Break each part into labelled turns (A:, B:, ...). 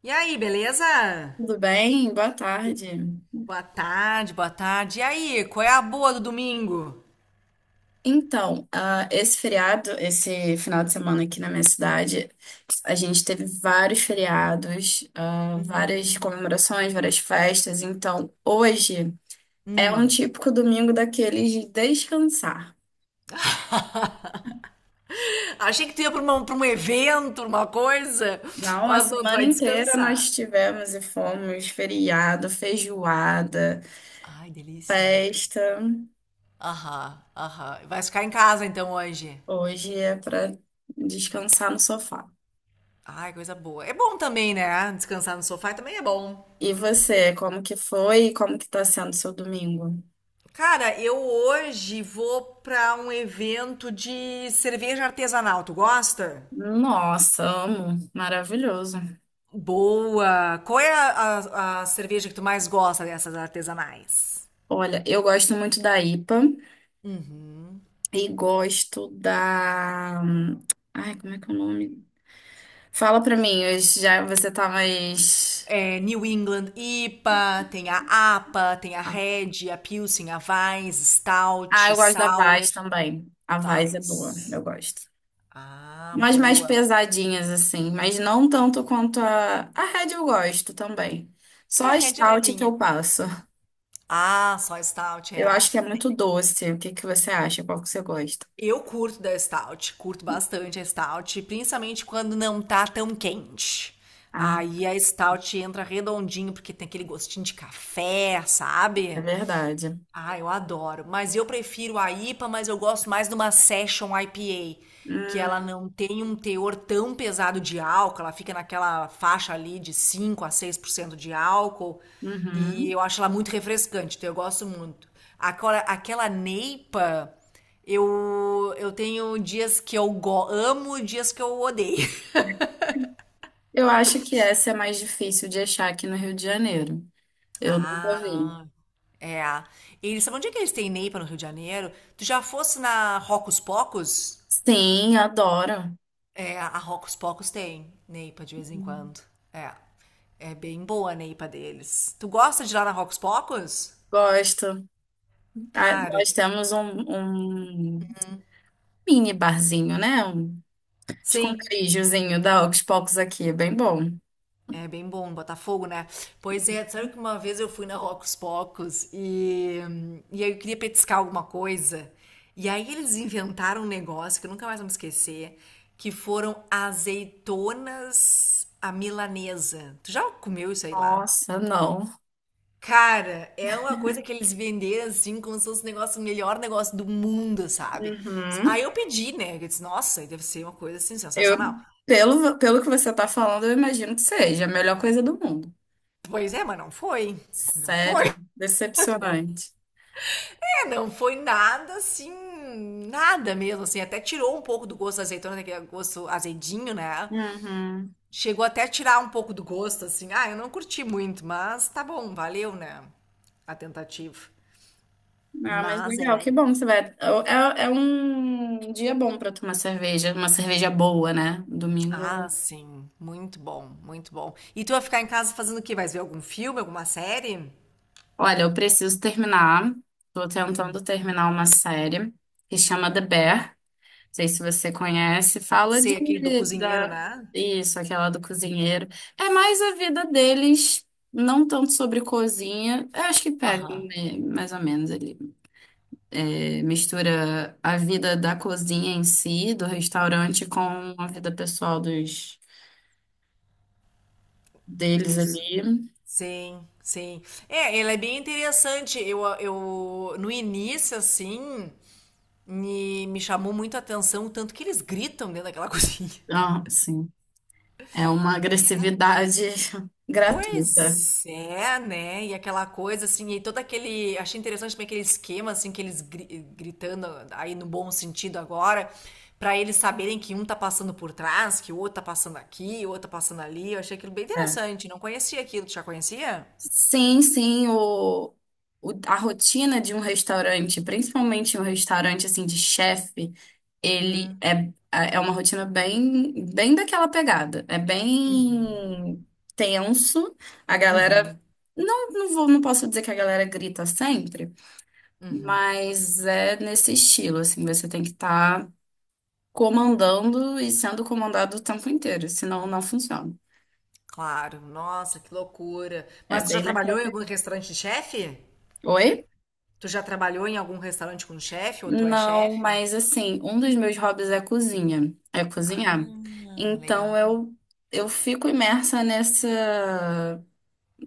A: E aí, beleza?
B: Tudo bem? Boa tarde.
A: Boa tarde, boa tarde. E aí, qual é a boa do domingo?
B: Então, esse feriado, esse final de semana aqui na minha cidade, a gente teve vários feriados, várias
A: Hum,
B: comemorações, várias festas. Então, hoje é um
A: hum.
B: típico domingo daqueles de descansar.
A: Achei que tu ia pra, pra um evento, uma coisa,
B: Não, a
A: mas não, tu
B: semana
A: vai
B: inteira
A: descansar.
B: nós tivemos e fomos feriado, feijoada,
A: Ai, delícia.
B: festa.
A: Aham, aham. Vai ficar em casa então hoje.
B: Hoje é para descansar no sofá.
A: Ai, coisa boa. É bom também, né? Descansar no sofá também é bom.
B: E você, como que foi e como que tá sendo seu domingo?
A: Cara, eu hoje vou pra um evento de cerveja artesanal. Tu gosta?
B: Nossa, amo. Maravilhoso.
A: Boa! Qual é a cerveja que tu mais gosta dessas artesanais?
B: Olha, eu gosto muito da IPA
A: Uhum.
B: e gosto da. Ai, como é que é o nome? Fala pra mim, eu já você tá mais.
A: É New England IPA, tem a APA, tem a Red, a Pilsen, a Weiss,
B: Ah,
A: Stout,
B: eu gosto da
A: Sour,
B: Vaz também. A Vaz é boa,
A: Weiss.
B: eu gosto.
A: Ah,
B: Mas mais
A: boa.
B: pesadinhas, assim. Mas não tanto quanto a. A Red eu gosto também. Só
A: É, a
B: a
A: Red é
B: Stout que
A: levinha.
B: eu passo.
A: Ah, só Stout
B: Eu
A: é.
B: acho que é muito doce. O que que você acha? Qual que você gosta?
A: Eu curto da Stout, curto bastante a Stout, principalmente quando não tá tão quente.
B: Ah,
A: Aí a Stout entra redondinho, porque tem aquele gostinho de café,
B: é
A: sabe?
B: verdade.
A: Ah, eu adoro. Mas eu prefiro a IPA, mas eu gosto mais de uma Session IPA, que
B: Hum,
A: ela não tem um teor tão pesado de álcool, ela fica naquela faixa ali de 5 a 6 por cento de álcool, e
B: uhum.
A: eu acho ela muito refrescante, então eu gosto muito. Agora, aquela Neipa, eu tenho dias que amo e dias que eu odeio.
B: Eu acho que essa é mais difícil de achar aqui no Rio de Janeiro. Eu nunca vi.
A: Ah, é. Eles, sabe onde é que eles têm Neipa no Rio de Janeiro? Tu já fosse na Rocos Pocos?
B: Sim, adoro.
A: É, a Rocos Pocos tem Neipa de vez em quando. É. É bem boa a Neipa deles. Tu gosta de ir lá na Rocos Pocos?
B: Gosto. Ah,
A: Cara,
B: nós temos um mini barzinho, né? Um
A: sim.
B: esconderijozinho da Ox Pocos aqui, é bem bom.
A: É bem bom, Botafogo, né? Pois é, sabe que uma vez eu fui na Rocos Pocos e aí eu queria petiscar alguma coisa. E aí eles inventaram um negócio que eu nunca mais vou me esquecer, que foram azeitonas à milanesa. Tu já comeu isso aí lá?
B: Nossa, não.
A: Cara, é uma coisa que eles venderam assim, como se fosse o negócio, o melhor negócio do mundo, sabe?
B: Uhum.
A: Aí eu pedi, né? Eu disse, nossa, deve ser uma coisa assim,
B: Eu,
A: sensacional.
B: pelo que você tá falando, eu imagino que seja a melhor coisa do mundo.
A: Pois é, mas não foi. Não foi.
B: Sério,
A: Não.
B: decepcionante.
A: É, não foi nada assim, nada mesmo, assim. Até tirou um pouco do gosto da azeitona, né, que é gosto azedinho, né?
B: Uhum.
A: Chegou até a tirar um pouco do gosto, assim. Ah, eu não curti muito, mas tá bom, valeu, né? A tentativa.
B: Ah, mas
A: Mas
B: legal,
A: era...
B: que bom que você vai. É um dia bom pra tomar cerveja, uma cerveja boa, né?
A: Ah,
B: Domingo.
A: sim. Muito bom, muito bom. E tu vai ficar em casa fazendo o quê? Vai ver algum filme, alguma série?
B: Olha, eu preciso terminar. Tô
A: Hum.
B: tentando terminar uma série que chama The Bear. Não sei se você conhece. Fala de
A: Sei aquele do cozinheiro,
B: da
A: né?
B: isso, aquela do cozinheiro. É mais a vida deles, não tanto sobre cozinha. Eu acho que pega
A: Aham.
B: né, mais ou menos ali. É, mistura a vida da cozinha em si, do restaurante, com a vida pessoal deles
A: Dos...
B: ali.
A: Sim, sim. É, ele é bem interessante. Eu no início, assim, me chamou muito a atenção o tanto que eles gritam dentro daquela cozinha.
B: Ah, sim. É uma
A: Né?
B: agressividade gratuita.
A: Pois é, né? E aquela coisa assim, e todo aquele... Achei interessante também aquele esquema, assim, que gritando aí no bom sentido agora, pra eles saberem que um tá passando por trás, que o outro tá passando aqui, o outro tá passando ali. Eu achei aquilo bem
B: É.
A: interessante. Não conhecia aquilo, tu já conhecia?
B: Sim, sim, a rotina de um restaurante, principalmente um restaurante assim de chefe, ele é uma rotina bem, bem daquela pegada. É
A: Uhum.
B: bem tenso. A galera,
A: Uhum.
B: não, não vou, não posso dizer que a galera grita sempre,
A: Uhum.
B: mas é nesse estilo, assim, você tem que estar comandando e sendo comandado o tempo inteiro, senão não funciona.
A: Claro, nossa, que loucura.
B: É
A: Mas tu já
B: bem naquela
A: trabalhou em algum
B: pegada.
A: restaurante de chefe?
B: Oi?
A: Tu já trabalhou em algum restaurante com chefe ou tu é
B: Não,
A: chefe?
B: mas assim, um dos meus hobbies é cozinhar.
A: Ah,
B: Então
A: legal.
B: eu fico imersa nessa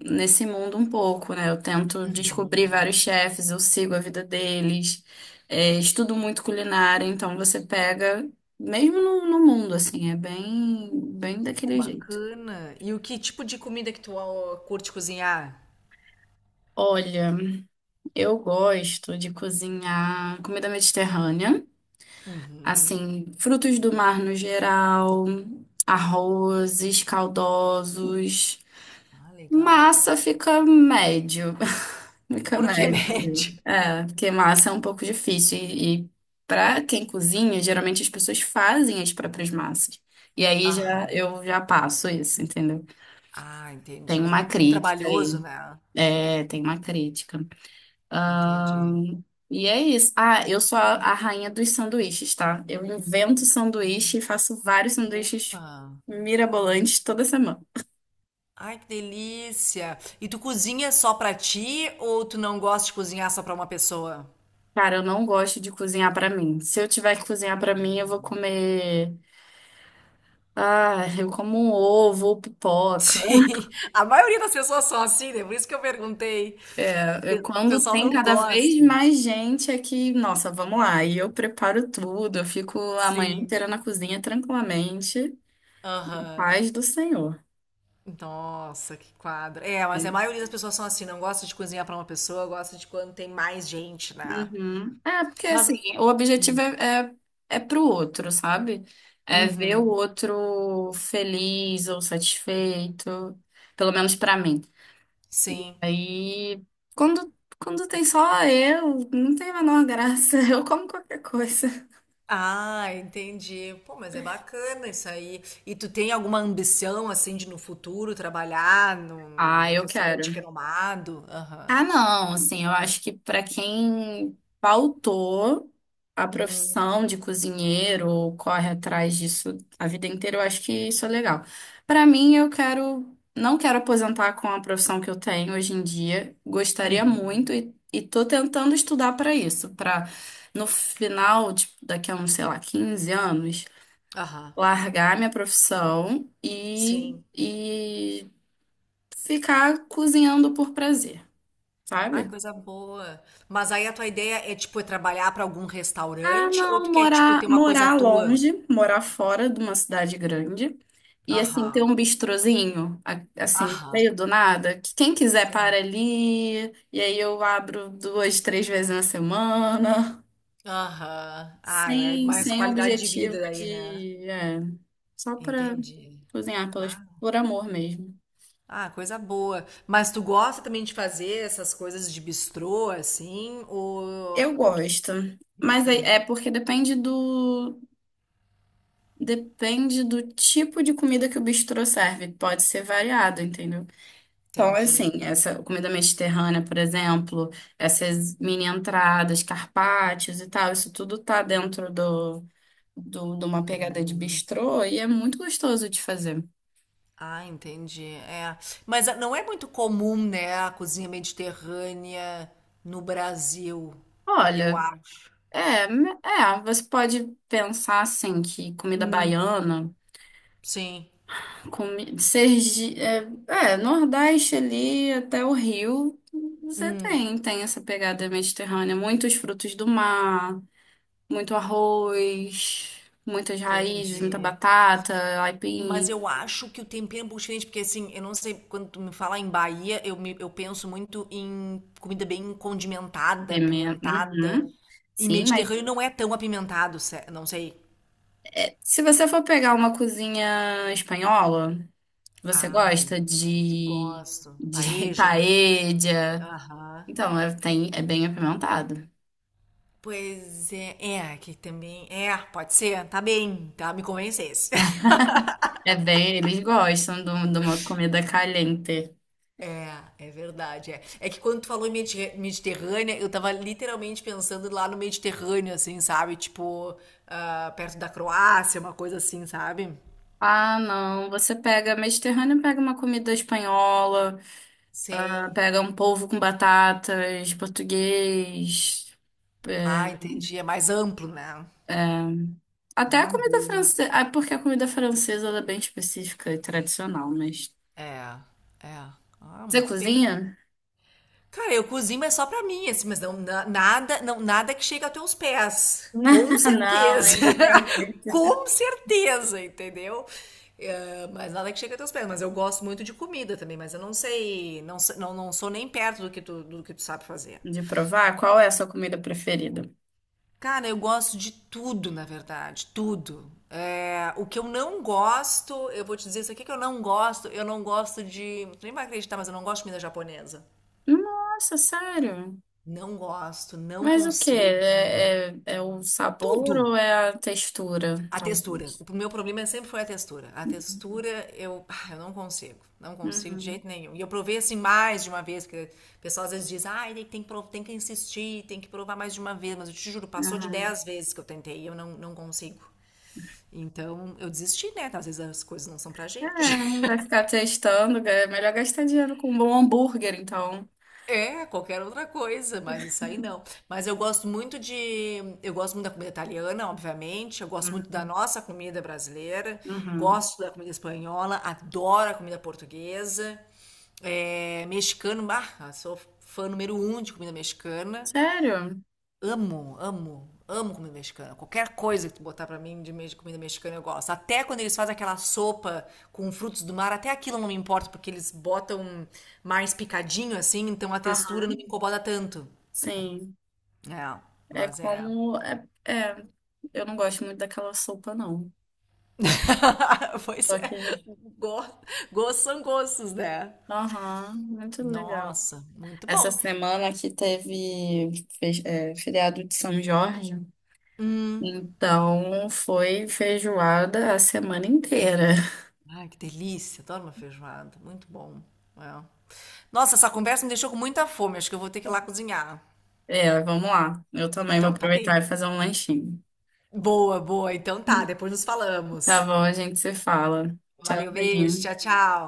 B: nesse mundo um pouco, né? Eu tento descobrir
A: Uhum.
B: vários chefes, eu sigo a vida deles, estudo muito culinária, então você pega mesmo no mundo assim, é bem bem
A: Pô,
B: daquele jeito.
A: bacana. E o que tipo de comida que tu ah, curte cozinhar?
B: Olha, eu gosto de cozinhar comida mediterrânea.
A: Uhum.
B: Assim, frutos do mar no geral, arrozes caldosos.
A: Ah, legal, pô.
B: Massa fica médio. Fica
A: Por que
B: médio.
A: médio?
B: É, porque massa é um pouco difícil. E para quem cozinha, geralmente as pessoas fazem as próprias massas. E aí já
A: Aham.
B: eu já passo isso, entendeu?
A: Ah,
B: Tem
A: entendi.
B: uma
A: Muito
B: crítica aí.
A: trabalhoso, né?
B: É, tem uma crítica. Ah,
A: Entendi.
B: e é isso. Ah, eu sou a rainha dos sanduíches, tá? Eu invento sanduíche e faço vários sanduíches
A: Opa.
B: mirabolantes toda semana.
A: Ai, que delícia. E tu cozinha só pra ti ou tu não gosta de cozinhar só pra uma pessoa?
B: Cara, eu não gosto de cozinhar pra mim. Se eu tiver que cozinhar pra mim,
A: Pois
B: eu vou
A: é.
B: comer. Ah, eu como um ovo ou pipoca.
A: Sim, a maioria das pessoas são assim, né? Por isso que eu perguntei. O
B: Quando
A: pessoal
B: tem
A: não
B: cada vez
A: gosta.
B: mais gente é que, nossa, vamos lá. E eu preparo tudo, eu fico a manhã
A: Sim.
B: inteira na cozinha tranquilamente.
A: Aham.
B: Paz do Senhor.
A: Nossa, que quadro. É, mas a maioria das pessoas são assim, não gosta de cozinhar pra uma pessoa, gosta de quando tem mais gente, né?
B: Uhum. É, porque
A: Mas,
B: assim, o objetivo é pro outro, sabe? É ver o
A: uhum,
B: outro feliz ou satisfeito, pelo menos pra mim.
A: sim.
B: Aí, quando, quando tem só eu, não tem a menor graça, eu como qualquer coisa.
A: Ah, entendi. Pô, mas é bacana isso aí. E tu tem alguma ambição, assim, de no futuro trabalhar
B: Ah,
A: num
B: eu
A: restaurante
B: quero.
A: renomado? Aham.
B: Ah, não, assim, eu acho que para quem pautou a
A: Hum,
B: profissão de cozinheiro ou corre atrás disso a vida inteira, eu acho que isso é legal. Para mim, não quero aposentar com a profissão que eu tenho hoje em dia. Gostaria
A: uhum.
B: muito e tô tentando estudar para isso, para no final, tipo, daqui a uns, sei lá, 15 anos,
A: Aham.
B: largar minha profissão e,
A: Sim.
B: e ficar cozinhando por prazer,
A: Ah,
B: sabe?
A: coisa boa. Mas aí a tua ideia é, tipo, é trabalhar pra algum
B: Ah,
A: restaurante ou
B: não,
A: tu quer, tipo, ter uma coisa
B: morar
A: tua?
B: longe, morar fora de uma cidade grande. E assim, ter
A: Aham.
B: um bistrozinho, assim, no
A: Aham.
B: meio do nada, que quem quiser para
A: Sim.
B: ali, e aí eu abro duas, três vezes na semana,
A: Aham. Ah, é
B: sem,
A: mais
B: sem
A: qualidade de
B: objetivo
A: vida daí, né?
B: de, só para
A: Entendi.
B: cozinhar
A: Ah,
B: por amor mesmo.
A: ah, coisa boa. Mas tu gosta também de fazer essas coisas de bistrô, assim? Ou...
B: Eu gosto, mas é porque depende do tipo de comida que o bistrô serve, pode ser variado, entendeu? Então, assim,
A: Entendi.
B: essa comida mediterrânea, por exemplo, essas mini entradas, carpaccios e tal, isso tudo tá dentro de uma pegada de
A: Uhum.
B: bistrô e é muito gostoso de fazer.
A: Ah, entendi. É. Mas ah, não é muito comum, né, a cozinha mediterrânea no Brasil, eu
B: Olha,
A: acho.
B: você pode pensar assim que comida
A: Hum,
B: baiana,
A: sim.
B: comi Sergi, Nordeste ali até o Rio, você
A: Hum,
B: tem essa pegada mediterrânea, muitos frutos do mar. Muito arroz, muitas raízes, muita
A: entendi.
B: batata,
A: Mas
B: aipim,
A: eu acho que o tempero é um pouco diferente, porque assim, eu não sei, quando tu me fala em Bahia, eu penso muito em comida bem condimentada,
B: pimenta.
A: apimentada.
B: Uhum.
A: E
B: Sim, mas
A: Mediterrâneo não é tão apimentado, não sei.
B: se você for pegar uma cozinha espanhola, você
A: Ai,
B: gosta
A: gosto.
B: de
A: Paeja.
B: paella?
A: Aham.
B: Então, é bem apimentado.
A: Pois é, é, que também. É, pode ser, tá bem, tá? Me convencesse.
B: É bem, eles gostam de uma comida caliente.
A: É, é verdade. É. É que quando tu falou em Mediterrânea, eu tava literalmente pensando lá no Mediterrâneo, assim, sabe? Tipo, ah, perto da Croácia, uma coisa assim, sabe?
B: Ah, não. Você pega mediterrâneo, pega uma comida espanhola,
A: Sim.
B: pega um polvo com batatas, português.
A: Ah,
B: é,
A: entendi. É mais amplo, né?
B: Até a
A: Ah,
B: comida
A: boa.
B: francesa. Ah, porque a comida francesa ela é bem específica e tradicional, mas.
A: É, é. Ah,
B: Você
A: muito bem.
B: cozinha?
A: Cara, eu cozinho, mas só pra mim, assim, mas não, nada, não, nada que chegue aos teus pés. Com
B: Não,
A: certeza.
B: ainda tem.
A: Com certeza, entendeu? Eh, mas nada que chegue aos teus pés. Mas eu gosto muito de comida também, mas eu não sei, não, não, não sou nem perto do que tu sabe fazer.
B: De provar? Qual é a sua comida preferida?
A: Cara, eu gosto de tudo, na verdade, tudo. Eh, o que eu não gosto, eu vou te dizer isso aqui que eu não gosto de, tu nem vai acreditar, mas eu não gosto de comida japonesa.
B: Nossa, sério?
A: Não gosto, não
B: Mas o quê?
A: consigo.
B: É o sabor
A: Tudo.
B: ou é a textura,
A: A textura.
B: talvez?
A: O meu problema sempre foi a textura. A textura, eu, ah, eu não consigo. Não consigo de
B: Uhum,
A: jeito nenhum. E eu provei assim mais de uma vez, porque o pessoal às vezes diz, ai, tem que insistir, tem que provar mais de uma vez. Mas eu te juro, passou de
B: uhum.
A: 10 vezes que eu tentei e eu não, não consigo. Então eu desisti, né? Às vezes as coisas não são pra
B: É,
A: gente.
B: vai ficar testando. É melhor gastar dinheiro com um bom hambúrguer, então.
A: É, qualquer outra coisa, mas isso aí não. Mas eu gosto muito de, eu gosto muito da comida italiana, obviamente. Eu gosto muito da nossa comida brasileira.
B: Uhum.
A: Gosto da comida espanhola, adoro a comida portuguesa. É, mexicano, bah, sou fã número 1 de comida mexicana.
B: Sério?
A: Amo, amo, amo comida mexicana. Qualquer coisa que tu botar pra mim de comida mexicana eu gosto. Até quando eles fazem aquela sopa com frutos do mar, até aquilo não me importa, porque eles botam mais picadinho assim, então a textura
B: Aham.
A: não me incomoda tanto.
B: Sim.
A: É,
B: É
A: mas é.
B: como. Eu não gosto muito daquela sopa, não.
A: Pois
B: Só
A: é.
B: que.
A: Go- Gostos são gostos, né?
B: Aham, muito legal.
A: Nossa, muito
B: Essa
A: bom.
B: semana aqui teve feriado de São Jorge.
A: Hum.
B: Então foi feijoada a semana inteira.
A: Ai, que delícia, adoro uma feijoada, muito bom. É. Nossa, essa conversa me deixou com muita fome, acho que eu vou ter que ir lá cozinhar.
B: É, vamos lá. Eu também vou
A: Então, tá
B: aproveitar
A: bem.
B: e fazer um lanchinho.
A: Boa, boa. Então tá,
B: Hum.
A: depois nos
B: Tá
A: falamos.
B: bom, a gente se fala.
A: Valeu, beijo,
B: Tchauzinho.
A: tchau, tchau.